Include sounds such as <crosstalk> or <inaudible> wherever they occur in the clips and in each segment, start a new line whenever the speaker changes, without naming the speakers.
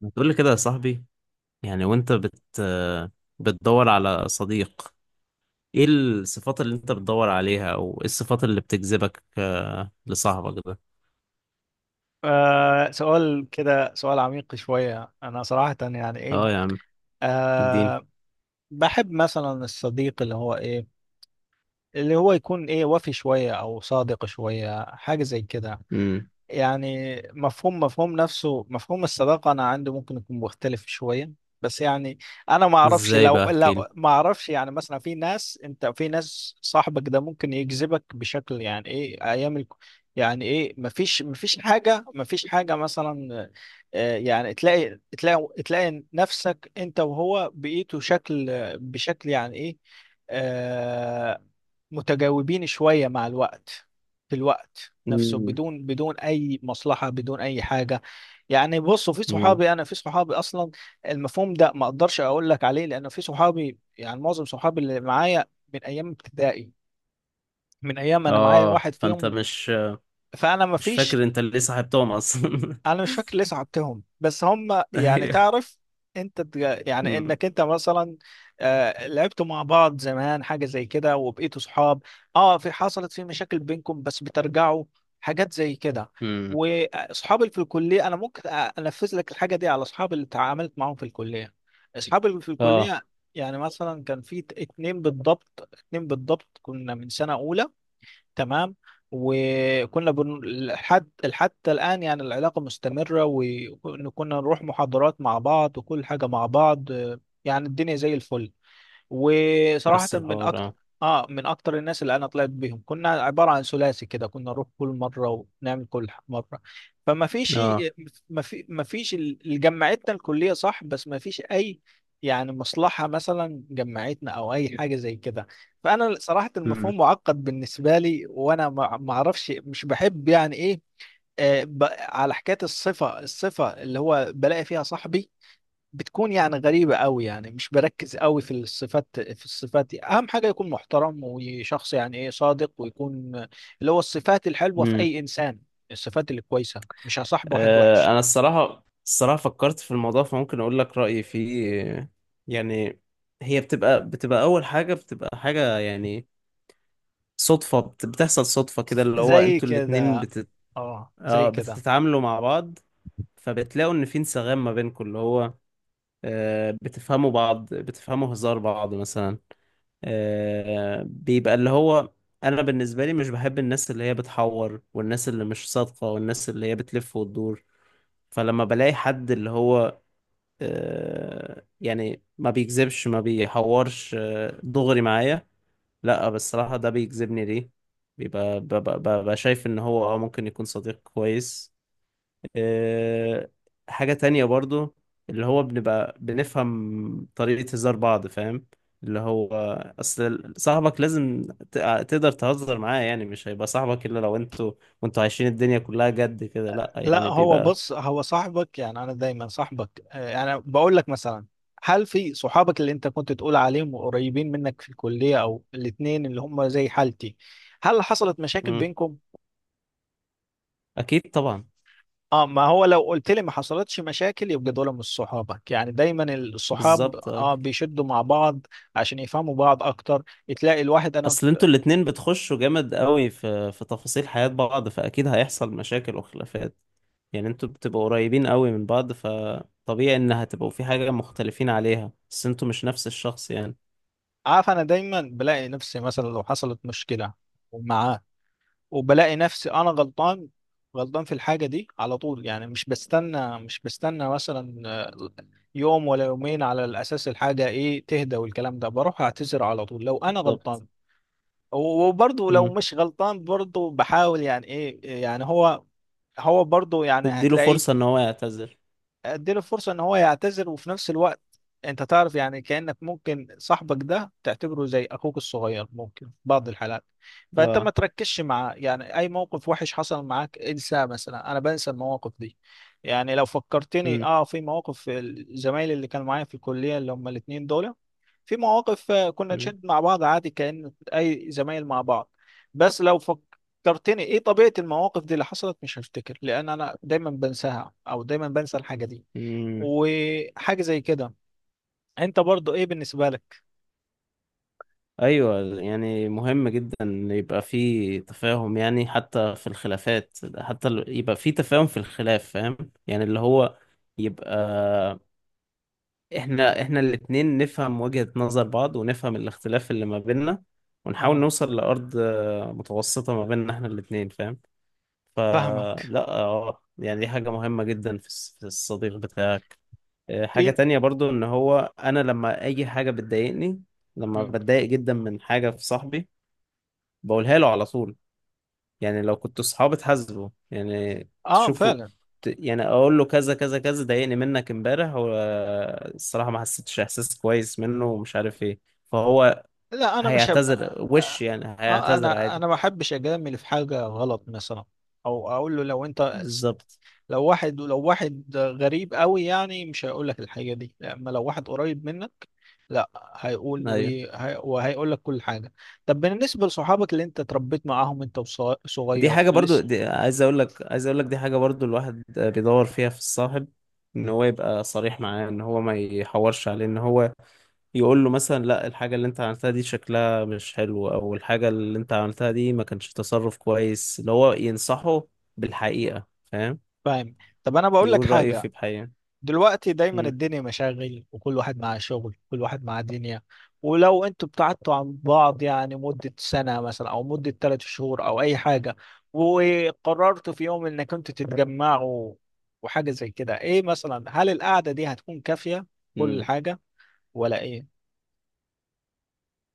ما تقول لي كده يا صاحبي. يعني وانت بتدور على صديق، ايه الصفات اللي انت بتدور عليها او ايه الصفات اللي بتجذبك لصاحبك ده؟
سؤال كده، سؤال عميق شوية. أنا صراحة يعني إيه.
اه يا عم. اديني.
آه بحب مثلا الصديق اللي هو يكون إيه، وفي شوية أو صادق شوية، حاجة زي كده.
امم.
يعني مفهوم نفسه، مفهوم الصداقة أنا عندي ممكن يكون مختلف شوية. بس يعني أنا ما أعرفش،
ازاي
لو
بقى احكي لي؟
لو ما أعرفش، يعني مثلا في ناس صاحبك ده ممكن يجذبك بشكل يعني إيه أيام يعني إيه، مفيش حاجة مثلا. يعني تلاقي نفسك أنت وهو بقيتوا بشكل يعني إيه، آه، متجاوبين شوية مع الوقت، في الوقت نفسه،
امم
بدون أي مصلحة، بدون أي حاجة. يعني بصوا،
امم.
في صحابي أصلا المفهوم ده ما أقدرش أقول لك عليه، لأن في صحابي، يعني معظم صحابي اللي معايا من أيام ابتدائي، من أيام، أنا معايا
اه
واحد
فانت
فيهم.
مش
فأنا ما فيش،
فاكر انت ليه صاحبتهم اصلا؟
انا مش فاكر ليه صعبتهم، بس هم
<laughs>
يعني
ايوه.
تعرف، يعني
امم
انك انت مثلا، لعبتوا مع بعض زمان، حاجه زي كده، وبقيتوا صحاب. اه، في، حصلت في مشاكل بينكم بس بترجعوا، حاجات زي كده.
امم.
واصحابي اللي في الكليه، انا ممكن انفذ لك الحاجه دي على اصحابي اللي تعاملت معاهم في الكليه، اصحابي اللي في
اه
الكليه. يعني مثلا كان في اتنين بالضبط، اتنين بالضبط كنا من سنه اولى، تمام. لحد حتى الآن يعني العلاقة مستمرة، وكنا نروح محاضرات مع بعض، وكل حاجة مع بعض، يعني الدنيا زي الفل. وصراحة
نفس
من
الحوار
أكتر،
اه.
آه، من أكتر الناس اللي أنا طلعت بيهم، كنا عبارة عن ثلاثي كده، كنا نروح كل مرة ونعمل مرة. فما فيش،
اه.
ما في ما فيش ال- اللي جمعتنا الكلية صح، بس ما فيش أي يعني مصلحة مثلا جمعتنا أو أي حاجة زي كده. فأنا صراحة المفهوم معقد بالنسبة لي، وأنا ما أعرفش، مش بحب يعني إيه، على حكاية الصفة، اللي هو بلاقي فيها صاحبي، بتكون يعني غريبة قوي. يعني مش بركز قوي في الصفات في الصفات دي. أهم حاجة يكون محترم وشخص يعني إيه صادق، ويكون اللي هو الصفات الحلوة في
امم.
أي إنسان، الصفات اللي كويسة. مش هصاحب واحد وحش
انا الصراحه فكرت في الموضوع فممكن اقول لك رايي فيه. يعني هي بتبقى اول حاجه بتبقى حاجه، يعني صدفه، بتحصل صدفه كده، اللي هو
زي
انتوا الاتنين
كده.
بتت...
اه زي كده.
بتتعاملوا مع بعض، فبتلاقوا ان في انسجام ما بينكم، اللي هو بتفهموا بعض، بتفهموا هزار بعض مثلا. بيبقى اللي هو انا بالنسبه لي مش بحب الناس اللي هي بتحور، والناس اللي مش صادقه، والناس اللي هي بتلف وتدور. فلما بلاقي حد اللي هو يعني ما بيكذبش ما بيحورش، دغري معايا، لا بس الصراحة ده بيجذبني. ليه؟ بيبقى ببقى شايف ان هو ممكن يكون صديق كويس. آه، حاجة تانية برضو، اللي هو بنبقى بنفهم طريقة هزار بعض، فاهم؟ اللي هو اصل صاحبك لازم ت- تقدر تهزر معاه، يعني مش هيبقى صاحبك الا لو انتوا وانتوا عايشين الدنيا كلها جد كده، لا
لا
يعني
هو
بيبقى.
بص، هو صاحبك، يعني أنا دايما صاحبك، يعني بقول لك مثلا، هل في صحابك اللي أنت كنت تقول عليهم قريبين منك في الكلية، أو الاتنين اللي هم زي حالتي، هل حصلت مشاكل
مم.
بينكم؟
اكيد طبعا.
اه، ما هو لو قلت لي ما حصلتش مشاكل يبقى دول مش صحابك. يعني دايما الصحاب
بالظبط اه.
اه بيشدوا مع بعض عشان يفهموا بعض اكتر. تلاقي الواحد، انا
اصل انتوا الاتنين بتخشوا جامد قوي في تفاصيل حياة بعض، فاكيد هيحصل مشاكل وخلافات. يعني انتوا بتبقوا قريبين قوي من بعض، فطبيعي ان هتبقوا في حاجة مختلفين عليها، بس انتوا مش نفس الشخص يعني.
عارف، انا دايما بلاقي نفسي مثلا لو حصلت مشكلة معاه، وبلاقي نفسي انا غلطان، غلطان في الحاجة دي على طول، يعني مش بستنى مثلا، يوم ولا يومين على الاساس الحاجة ايه تهدى والكلام ده، بروح اعتذر على طول لو انا
بالظبط.
غلطان. وبرضه لو
امم.
مش غلطان، برضه بحاول يعني ايه، يعني هو، برضه يعني
تديله
هتلاقيه،
فرصة ان هو يعتذر.
اديله فرصة ان هو يعتذر، وفي نفس الوقت انت تعرف يعني كأنك ممكن صاحبك ده تعتبره زي اخوك الصغير ممكن في بعض الحالات. فانت ما
اه.
تركزش معاه يعني، اي موقف وحش حصل معاك انساه. مثلا انا بنسى المواقف دي. يعني لو فكرتني
امم
اه في مواقف الزمايل اللي كانوا معايا في الكلية اللي هم الاتنين دول، في مواقف، كنا
امم.
نشد مع بعض عادي كأن اي زمايل مع بعض. بس لو فك... فكرتني ايه طبيعة المواقف دي اللي حصلت مش هفتكر، لان انا دايما بنساها، او دايما بنسى الحاجة دي
أمم.
وحاجة زي كده. انت برضو ايه بالنسبة لك؟
ايوه، يعني مهم جدا ان يبقى في تفاهم، يعني حتى في الخلافات، حتى يبقى في تفاهم في الخلاف، فاهم؟ يعني اللي هو يبقى احنا الاتنين نفهم وجهة نظر بعض، ونفهم الاختلاف اللي ما بيننا، ونحاول
اه
نوصل لأرض متوسطة ما بيننا احنا الاتنين، فاهم؟
فاهمك.
فلا يعني دي حاجة مهمة جدا في في الصديق بتاعك. حاجة
فين؟
تانية برضو، ان هو انا لما اي حاجة بتضايقني، لما
مم.
بتضايق جدا من حاجة في صاحبي، بقولها له على طول. يعني لو كنتوا صحاب تحاسبه، يعني
اه
تشوفوا
فعلا.
يعني اقول له كذا كذا كذا ضايقني منك امبارح، والصراحة ما حسيتش احساس كويس منه ومش عارف ايه. فهو
لا انا مش هب...
هيعتذر، وش
آه.
يعني هيعتذر
انا
عادي.
انا ما بحبش اجامل في حاجة غلط مثلا، او اقول له لو انت،
بالظبط.
لو واحد غريب قوي يعني مش هيقول لك الحاجة دي، اما لو واحد قريب منك لا هيقول،
ايوه
وهيقول لك كل حاجة. طب بالنسبة لصحابك اللي انت اتربيت معاهم انت
دي
وصغير
حاجة برضو،
لسه،
دي عايز اقول لك دي حاجة برضو الواحد بيدور فيها في الصاحب، ان هو يبقى صريح معاه، ان هو ما يحورش عليه، ان هو يقول له مثلا لا، الحاجة اللي انت عملتها دي شكلها مش حلو، او الحاجة اللي انت عملتها دي ما كانش تصرف كويس، اللي هو ينصحه بالحقيقة، فاهم؟
فاهم. طب انا بقول لك
يقول رأيه في
حاجة،
بحقيقة.
دلوقتي دايما
مم.
الدنيا مشاغل، وكل واحد معاه شغل، كل واحد معاه دنيا. ولو انتوا ابتعدتوا عن بعض يعني مدة سنة مثلا، او مدة 3 شهور، او اي حاجة، وقررتوا في يوم انك انتوا تتجمعوا وحاجة زي كده، ايه مثلا، هل القعدة دي هتكون كافية كل
مم.
حاجة، ولا ايه؟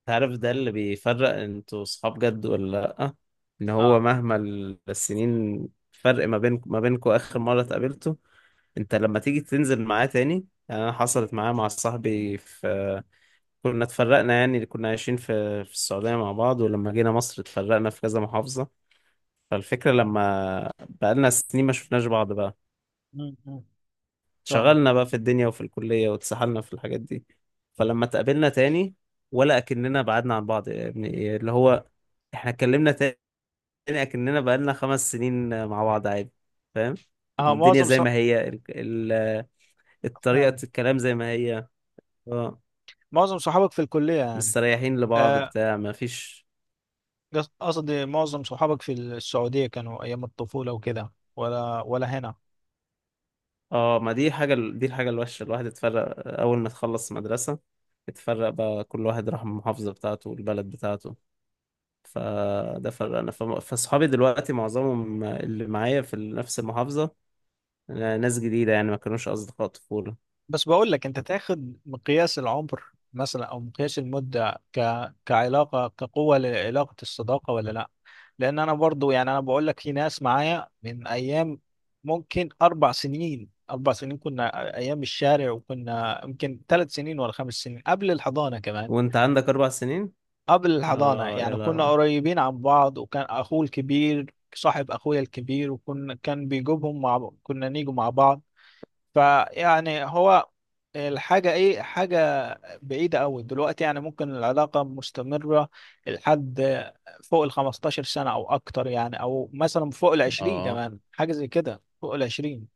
تعرف ده اللي بيفرق انتوا صحاب جد ولا لأ؟ ان هو
اه
مهما السنين فرق ما بين ما بينكوا اخر مرة اتقابلته، انت لما تيجي تنزل معاه تاني. يعني انا حصلت معايا مع صاحبي في... كنا اتفرقنا، يعني كنا عايشين في السعودية مع بعض، ولما جينا مصر اتفرقنا في كذا محافظة. فالفكرة لما بقالنا سنين ما شفناش بعض بقى،
م. م. فاهمك.
شغلنا بقى في الدنيا وفي الكلية واتسحلنا في الحاجات دي. فلما اتقابلنا تاني، ولا أكننا بعدنا عن بعض يا ابني، إيه اللي هو احنا اتكلمنا تاني أكننا بقالنا 5 سنين مع بعض عادي، فاهم؟
اه
الدنيا زي ما هي، الطريقة الكلام زي ما هي. اه.
معظم صحابك في الكلية يعني،
مستريحين لبعض
آه
بتاع، ما فيش.
قصدي معظم صحابك في السعودية كانوا ايام الطفولة وكده، ولا هنا؟
اه، ما دي حاجة، دي الحاجة الوحشة، الواحد اتفرق. أول ما تخلص مدرسة اتفرق بقى، كل واحد راح المحافظة بتاعته والبلد بتاعته. فده فرقنا. فصحابي دلوقتي معظمهم اللي معايا في نفس المحافظة ناس جديدة، يعني ما كانوش أصدقاء طفولة.
بس بقول لك، انت تاخد مقياس العمر مثلا، او مقياس المدة كعلاقة، كقوة لعلاقة الصداقة ولا لا؟ لان انا برضو، يعني انا بقول لك في ناس معايا من ايام، ممكن 4 سنين، 4 سنين كنا ايام الشارع، وكنا يمكن 3 سنين ولا 5 سنين قبل الحضانة كمان،
وأنت عندك 4 سنين؟
قبل الحضانة،
اه يا
يعني كنا
لهوي.
قريبين عن بعض، وكان اخوه الكبير صاحب اخويا الكبير، وكنا، كان بيجيبهم مع كنا نيجوا مع بعض. فيعني هو الحاجة إيه، حاجة بعيدة أوي دلوقتي. يعني ممكن العلاقة مستمرة لحد فوق ال 15 سنة أو أكتر، يعني أو مثلا فوق ال 20
اه.
كمان حاجة زي كده، فوق ال 20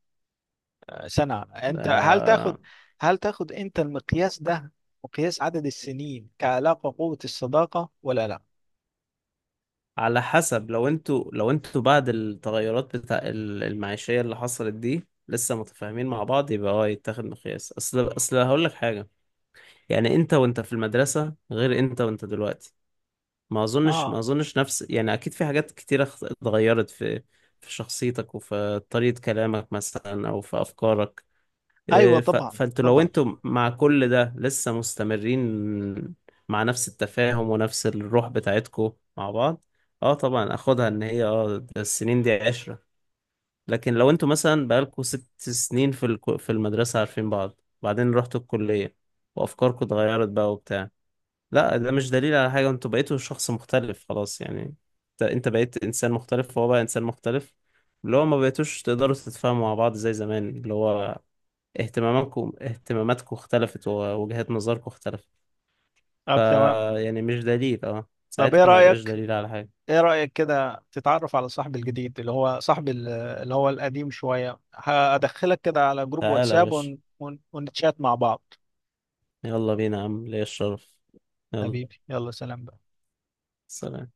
سنة. أنت هل تاخد،
آه،
هل تاخد أنت المقياس ده، مقياس عدد السنين كعلاقة قوة الصداقة ولا لا؟
على حسب، لو انتوا بعد التغيرات بتاع المعيشية اللي حصلت دي لسه متفاهمين مع بعض يبقى اه يتاخد مقياس. اصل هقول لك حاجة، يعني انت وانت في المدرسة غير انت وانت دلوقتي. ما اظنش ما
آه
اظنش نفس، يعني اكيد في حاجات كتيرة اتغيرت في في شخصيتك وفي طريقة كلامك مثلا او في افكارك.
أيوه
إيه،
طبعا
فانتوا لو
طبعا
انتوا مع كل ده لسه مستمرين مع نفس التفاهم ونفس الروح بتاعتكم مع بعض، اه طبعا اخدها ان هي ده السنين دي 10. لكن لو انتوا مثلا بقالكوا 6 سنين في في المدرسة عارفين بعض، وبعدين رحتوا الكلية وافكاركم اتغيرت بقى وبتاع، لا ده مش دليل على حاجة، انتوا بقيتوا شخص مختلف خلاص يعني. انت بقيت انسان مختلف، وهو بقى انسان مختلف، اللي هو ما بقيتوش تقدروا تتفاهموا مع بعض زي زمان، اللي هو اهتماماتكم اختلفت، ووجهات نظركم اختلفت. ف
طب تمام،
يعني مش دليل،
طب إيه
ساعتها ما يبقاش
رأيك،
دليل على حاجة.
ايه رأيك كده تتعرف على صاحب الجديد، اللي هو صاحب اللي هو القديم شوية؟ هدخلك كده على جروب
تعالى يا
واتساب
باشا،
ونتشات مع بعض.
يلا بينا يا عم، ليا الشرف. يلا.
حبيبي يلا سلام بقى.
سلام.